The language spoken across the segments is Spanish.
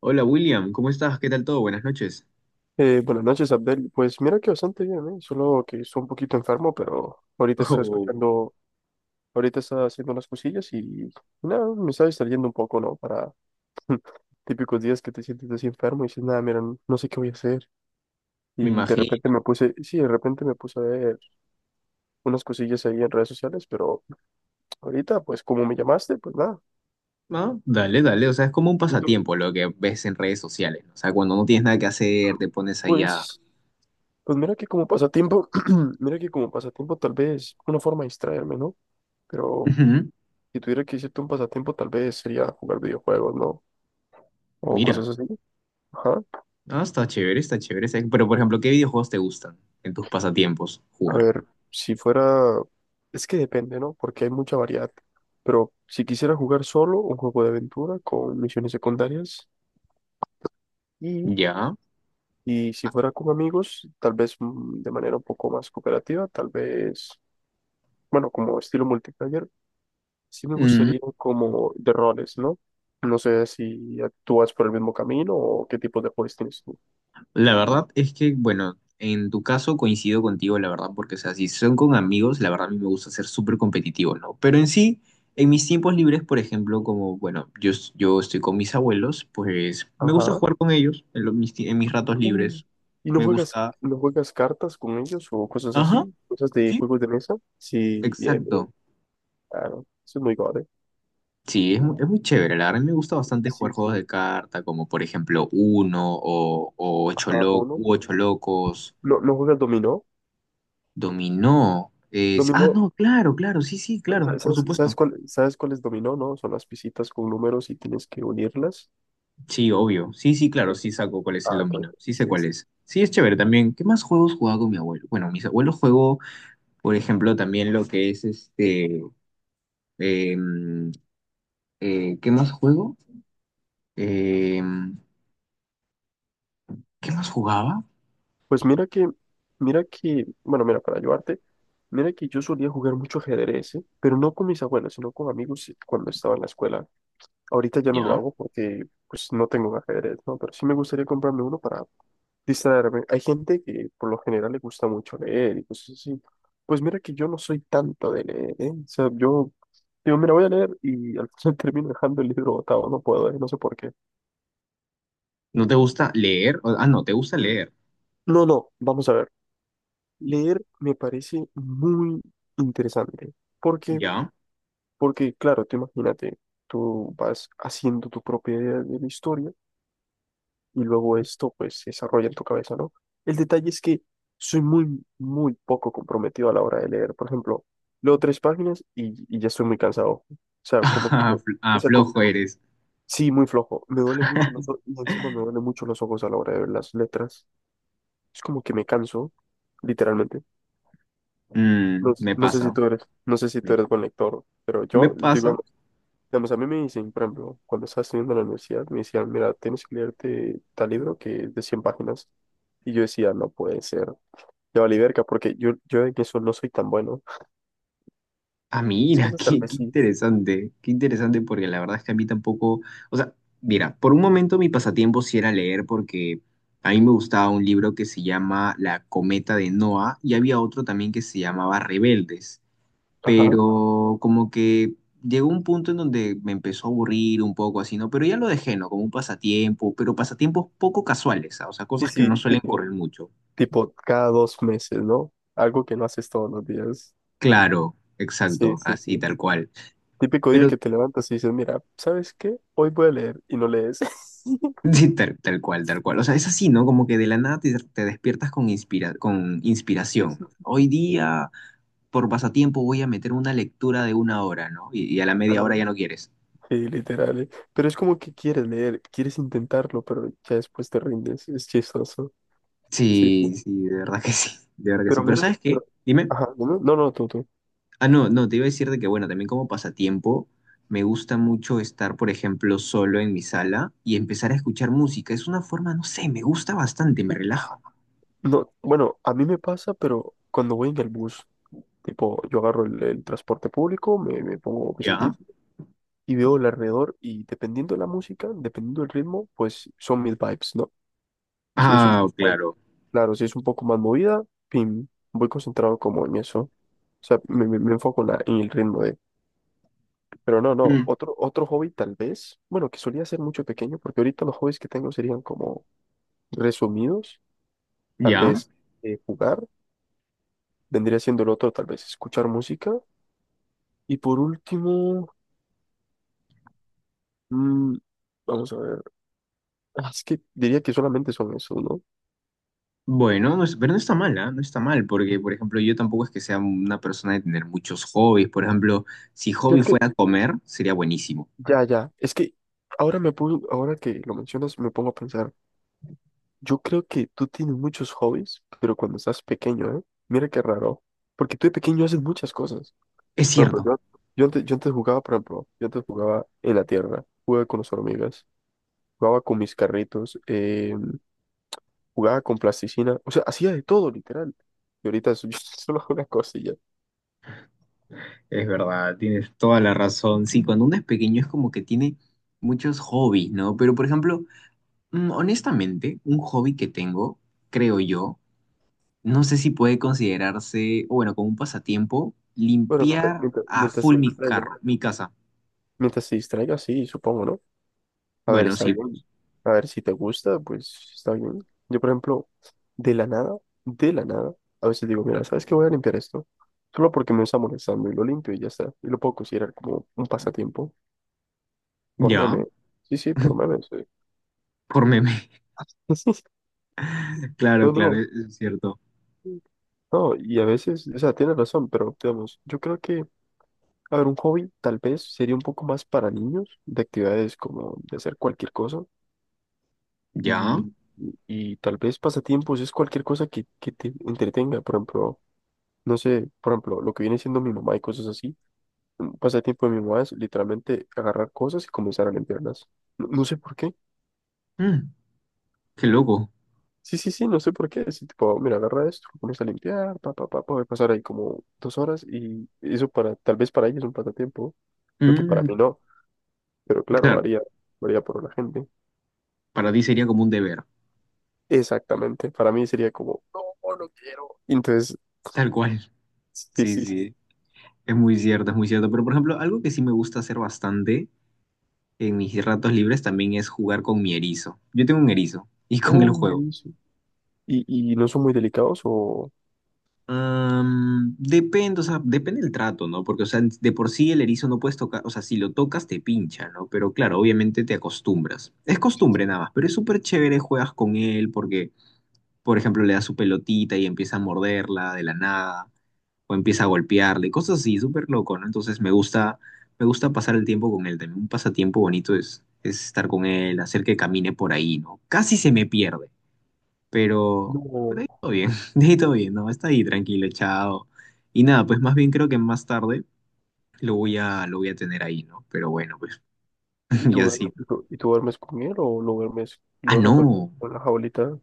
Hola William, ¿cómo estás? ¿Qué tal todo? Buenas noches. Buenas noches, Abdel. Pues mira que bastante bien, ¿eh? Solo que estoy un poquito enfermo, pero ahorita está Oh, escuchando, ahorita está haciendo unas cosillas y nada, me está distrayendo un poco, ¿no? Para típicos días que te sientes así enfermo y dices, nada, mira, no sé qué voy a hacer. me Y de repente imagino. me puse, sí, de repente me puse a ver unas cosillas ahí en redes sociales, pero ahorita, pues como me llamaste, pues nada. ¿No? Dale, dale. O sea, es como un ¿Y tú? pasatiempo lo que ves en redes sociales, ¿no? O sea, cuando no tienes nada que hacer, te pones ahí a... Pues, pues mira que como pasatiempo, mira que como pasatiempo tal vez una forma de distraerme, ¿no? Pero... Ujú. Si tuviera que decirte un pasatiempo, tal vez sería jugar videojuegos, ¿no? O Mira, cosas así. Ajá. Está chévere, está chévere. Pero, por ejemplo, ¿qué videojuegos te gustan en tus pasatiempos A jugar? ver, si fuera... Es que depende, ¿no? Porque hay mucha variedad. Pero si quisiera jugar solo, un juego de aventura con misiones secundarias. Y, ¿Ya? y si Ah, fuera con amigos, tal vez de manera un poco más cooperativa, tal vez, bueno, como estilo multiplayer, sí me mm, gustaría como de roles, ¿no? No sé si actúas por el mismo camino o qué tipos de roles tienes tú. la verdad es que, bueno, en tu caso coincido contigo, la verdad, porque, o sea, si son con amigos, la verdad a mí me gusta ser súper competitivo, ¿no? Pero en sí, en mis tiempos libres, por ejemplo, como, bueno, yo estoy con mis abuelos, pues me gusta Ajá. jugar con ellos en mis ratos Mm. libres. ¿Y no Me juegas, gusta... no juegas cartas con ellos o cosas Ajá, así? ¿Cosas de sí, juegos de mesa? Sí, bien, bien, exacto. claro. Eso es muy gore. Sí, es muy chévere, la verdad, me gusta bastante Sí, jugar juegos sí. de carta, como por ejemplo Uno o Ajá, uno. u Ocho Locos. ¿No, no juegas dominó? Dominó. Es... Ah, Dominó, no, claro, claro, sí, sí, claro, por ¿sabes, sabes supuesto. cuál, sabes cuál es dominó, no? Son las pisitas con números y tienes que unirlas. Sí, obvio. Sí, sí, claro, Ejé. sí saco cuál es el Ah, ok, dominó. Sí sé sí, cuál sí. es. Sí, es chévere también. ¿Qué más juegos jugaba con mi abuelo? Bueno, mis abuelos juego, por ejemplo, también lo que es este. em, ¿Qué más juego? Em, ¿Qué más jugaba? Pues mira que, bueno, mira, para ayudarte, mira que yo solía jugar mucho ajedrez, ¿eh? Pero no con mis abuelos, sino con amigos cuando estaba en la escuela. Ahorita ya no lo ¿Ya? hago porque pues no tengo un ajedrez, ¿no? Pero sí me gustaría comprarme uno para distraerme. Hay gente que por lo general le gusta mucho leer y cosas así. Pues mira que yo no soy tanto de leer, ¿eh? O sea, yo digo, mira, voy a leer y al final termino dejando el libro botado, no puedo, ¿eh? No sé por qué. ¿No te gusta leer? Ah, no, ¿te gusta leer? No, no, vamos a ver. Leer me parece muy interesante. ¿Por qué? ¿Ya? Porque, claro, tú imagínate, tú vas haciendo tu propia idea de la historia y luego esto pues se desarrolla en tu cabeza, ¿no? El detalle es que soy muy, muy poco comprometido a la hora de leer. Por ejemplo, leo 3 páginas y ya estoy muy cansado. Sea, como que, Ah, o sea, como flojo que, eres. sí, muy flojo. Me duele mucho los ojos y encima me duele mucho los ojos a la hora de ver las letras. Es como que me canso, literalmente. No, Mm, me no sé si pasa. tú eres, no sé si tú Me, eres buen lector, pero me yo, digo pasa. digamos, a mí me dicen, por ejemplo, cuando estaba estudiando en la universidad, me decían, mira, tienes que leerte tal libro que es de 100 páginas. Y yo decía, no puede ser. Ya valí verga, porque yo en eso no soy tan bueno. Ah, Es mira, cosas tal vez sí. Qué interesante porque la verdad es que a mí tampoco, o sea, mira, por un momento mi pasatiempo sí era leer porque a mí me gustaba un libro que se llama La cometa de Noah y había otro también que se llamaba Rebeldes, Ajá. pero como que llegó un punto en donde me empezó a aburrir un poco así, ¿no? Pero ya lo dejé, ¿no? Como un pasatiempo, pero pasatiempos poco casuales, ¿ah? O sea, Sí, cosas que no sí, suelen tipo, correr mucho. tipo cada 2 meses, ¿no? Algo que no haces todos los días. Claro, Sí, exacto, sí, así sí. tal cual. Típico día Pero que te levantas y dices, mira, ¿sabes qué? Hoy voy a leer y no lees. sí, tal cual, tal cual. O sea, es así, ¿no? Como que de la nada te despiertas con, inspira con Sí, inspiración. sí, ¿No? sí, Hoy sí. día, por pasatiempo, voy a meter una lectura de una hora, ¿no? Y a la media hora Claro. ya no quieres. Sí, literal. Pero es como que quieres leer, quieres intentarlo, pero ya después te rindes. Es chistoso. Sí. Sí, sí, de verdad que sí, de verdad que sí. Pero Pero mira, ¿sabes pero... qué? Dime. Ajá, no, no, no, tú. Ah, no, no, te iba a decir de que, bueno, también como pasatiempo, me gusta mucho estar, por ejemplo, solo en mi sala y empezar a escuchar música. Es una forma, no sé, me gusta bastante, me relaja. No, bueno, a mí me pasa, pero cuando voy en el bus, tipo, yo agarro el transporte público, me pongo mis ¿Ya? audífonos y veo el alrededor y dependiendo de la música, dependiendo del ritmo, pues son mis vibes, ¿no? Si es un Ah, poco más- claro. claro, si es un poco más movida, pim, voy concentrado como en eso. O sea, me enfoco en el ritmo de. Pero no, no, Mm, otro hobby tal vez, bueno, que solía ser mucho pequeño, porque ahorita los hobbies que tengo serían como resumidos, tal ¿ya? vez jugar, vendría siendo el otro, tal vez escuchar música, y por último, mm, vamos a ver, ah, es que diría que solamente son esos, ¿no? Bueno, pero no está mal, ¿ah? No está mal, porque, por ejemplo, yo tampoco es que sea una persona de tener muchos hobbies. Por ejemplo, si Yo hobby es que, fuera comer, sería buenísimo. ya, ya, es que ahora me pongo, ahora que lo mencionas, me pongo a pensar, yo creo que tú tienes muchos hobbies, pero cuando estás pequeño, ¿eh? Mira qué raro, porque tú de pequeño haces muchas cosas. Es Por ejemplo, cierto. yo, antes, yo antes jugaba, por ejemplo, yo antes jugaba en la tierra, jugaba con las hormigas, jugaba con mis carritos, jugaba con plasticina, o sea, hacía de todo, literal. Y ahorita yo solo hago una cosilla. Es verdad, tienes toda la razón. Sí, cuando uno es pequeño es como que tiene muchos hobbies, ¿no? Pero, por ejemplo, mm, honestamente, un hobby que tengo, creo yo, no sé si puede considerarse, o bueno, como un pasatiempo, Bueno, mientras, limpiar mientras, a mientras full se mi distraiga, carro, mi casa. mientras se distraiga, sí, supongo, ¿no? A ver, Bueno, está sí, bien. pues. A ver, si te gusta, pues está bien. Yo, por ejemplo, de la nada, de la nada, a veces digo, mira, ¿sabes qué? Voy a limpiar esto. Solo porque me está molestando y lo limpio y ya está. Y lo puedo considerar como un pasatiempo. Por Ya, meme. Sí, sí, por meme, sí. por meme. Claro, No, claro, no. Es cierto. No, y a veces, o sea, tienes razón, pero digamos, yo creo que, a ver, un hobby tal vez sería un poco más para niños, de actividades como de hacer cualquier cosa, Ya. y tal vez pasatiempos es cualquier cosa que te entretenga, por ejemplo, no sé, por ejemplo, lo que viene siendo mi mamá y cosas así, un pasatiempo de mi mamá es literalmente agarrar cosas y comenzar a limpiarlas. No, no sé por qué. Mm, qué loco. Sí, sí, sí, no sé por qué. Así tipo, mira, agarra esto, lo pones a limpiar, pa, pa, pa, puede pasar ahí como 2 horas y eso para, tal vez para ella es un pasatiempo, lo que para mí Mm, no, pero claro, claro, varía por la gente. para ti sería como un deber, Exactamente, para mí sería como, no, no quiero. Entonces, tal cual. sí, sí, Sí, sí. sí, es muy cierto, es muy cierto. Pero, por ejemplo, algo que sí me gusta hacer bastante en mis ratos libres también es jugar con mi erizo. Yo tengo un erizo y con el Oh, me juego. dice. ¿Y no son muy delicados o...? Am, depende, o sea, depende del trato, ¿no? Porque, o sea, de por sí el erizo no puedes tocar, o sea, si lo tocas te pincha, ¿no? Pero claro, obviamente te acostumbras. Es Sí, costumbre sí. nada más, pero es súper chévere, juegas con él porque por ejemplo, le da su pelotita y empieza a morderla de la nada, o empieza a golpearle, cosas así, súper loco, ¿no? Entonces me gusta pasar el tiempo con él. También un pasatiempo bonito es estar con él, hacer que camine por ahí, ¿no? Casi se me pierde, pero, pero No. ahí todo bien, de ahí todo bien, ¿no? Está ahí tranquilo, echado. Y nada, pues más bien creo que más tarde lo voy a tener ahí, ¿no? Pero bueno, pues, ¿Y y tú, así. duermes- y ¿No? tú, y tú duermes con él o lo duermes, Ah, lo dejas dormir no. con la jaulita?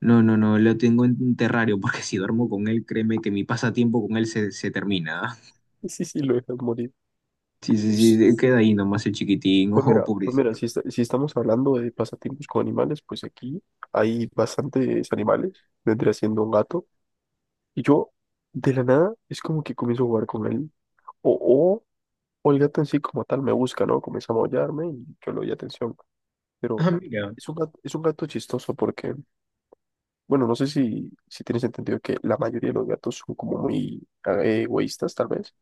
No, no, no, lo tengo en un terrario porque si duermo con él, créeme que mi pasatiempo con él se termina. Sí, sí, sí, lo dejas morir. Sí, sí, sí, queda ahí nomás el chiquitín, Pues oh, mira, pues mira, pobrecito. si, si estamos hablando de pasatiempos con animales, pues aquí hay bastantes animales, vendría siendo un gato, y yo de la nada es como que comienzo a jugar con él, o, o, o el gato en sí como tal me busca, ¿no? Comienza a maullarme y yo le doy atención, pero Ah, mira. es un gato chistoso porque, bueno, no sé si tienes entendido que la mayoría de los gatos son como muy egoístas tal vez,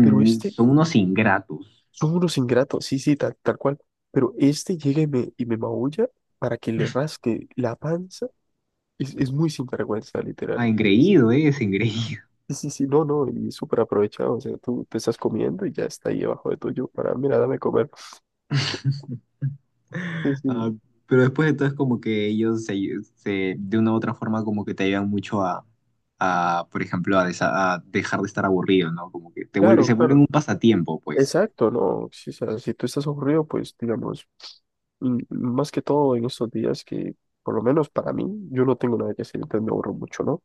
pero este. son unos ingratos. Son unos ingratos, sí, sí, tal cual. Pero este llega y me, maulla para que le rasque la panza. Es muy sinvergüenza, Ah, literal. Engreído, es engreído. Sí, sí, sí, no, no, y súper aprovechado. O sea, tú te estás comiendo y ya está ahí abajo de tuyo para, mira, dame comer. Sí, sí. Ah, pero después de todo es como que ellos se, de una u otra forma como que te ayudan mucho a, por ejemplo, a dejar de estar aburrido, ¿no? Como que te vuelve, Claro, se vuelven claro. un pasatiempo, pues. Exacto, no. Sí, o sea, si tú estás aburrido, pues, digamos, mm, más que todo en estos días que, por lo menos para mí, yo no tengo nada que hacer, entonces me aburro mucho, ¿no?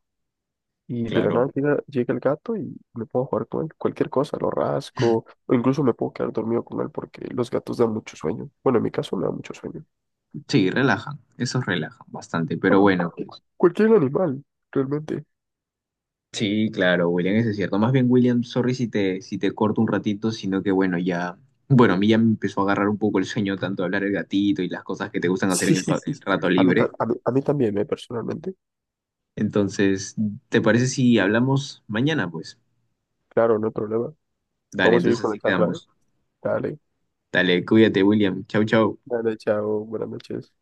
Y de la Claro. nada llega el gato y me puedo jugar con él. Cualquier cosa, lo rasco, o incluso me puedo quedar dormido con él porque los gatos dan mucho sueño. Bueno, en mi caso me da mucho sueño. Sí, relajan, esos relajan bastante, pero Bueno, bueno, cualquier, pues. cualquier animal, realmente. Sí, claro, William, eso es cierto. Más bien, William, sorry si te corto un ratito, sino que bueno, ya, bueno, a mí ya me empezó a agarrar un poco el sueño, tanto hablar el gatito y las cosas que te gustan hacer Sí, en sí, sí. el Sí. rato A mí, libre. ta- a mí también, ¿eh? Personalmente. Entonces, ¿te parece si hablamos mañana, pues? Claro, no hay problema. Dale, Vamos a seguir entonces con la así charla, ¿eh? quedamos. Dale, Dale, cuídate, William. Chau, chau. dale, chao, buenas noches.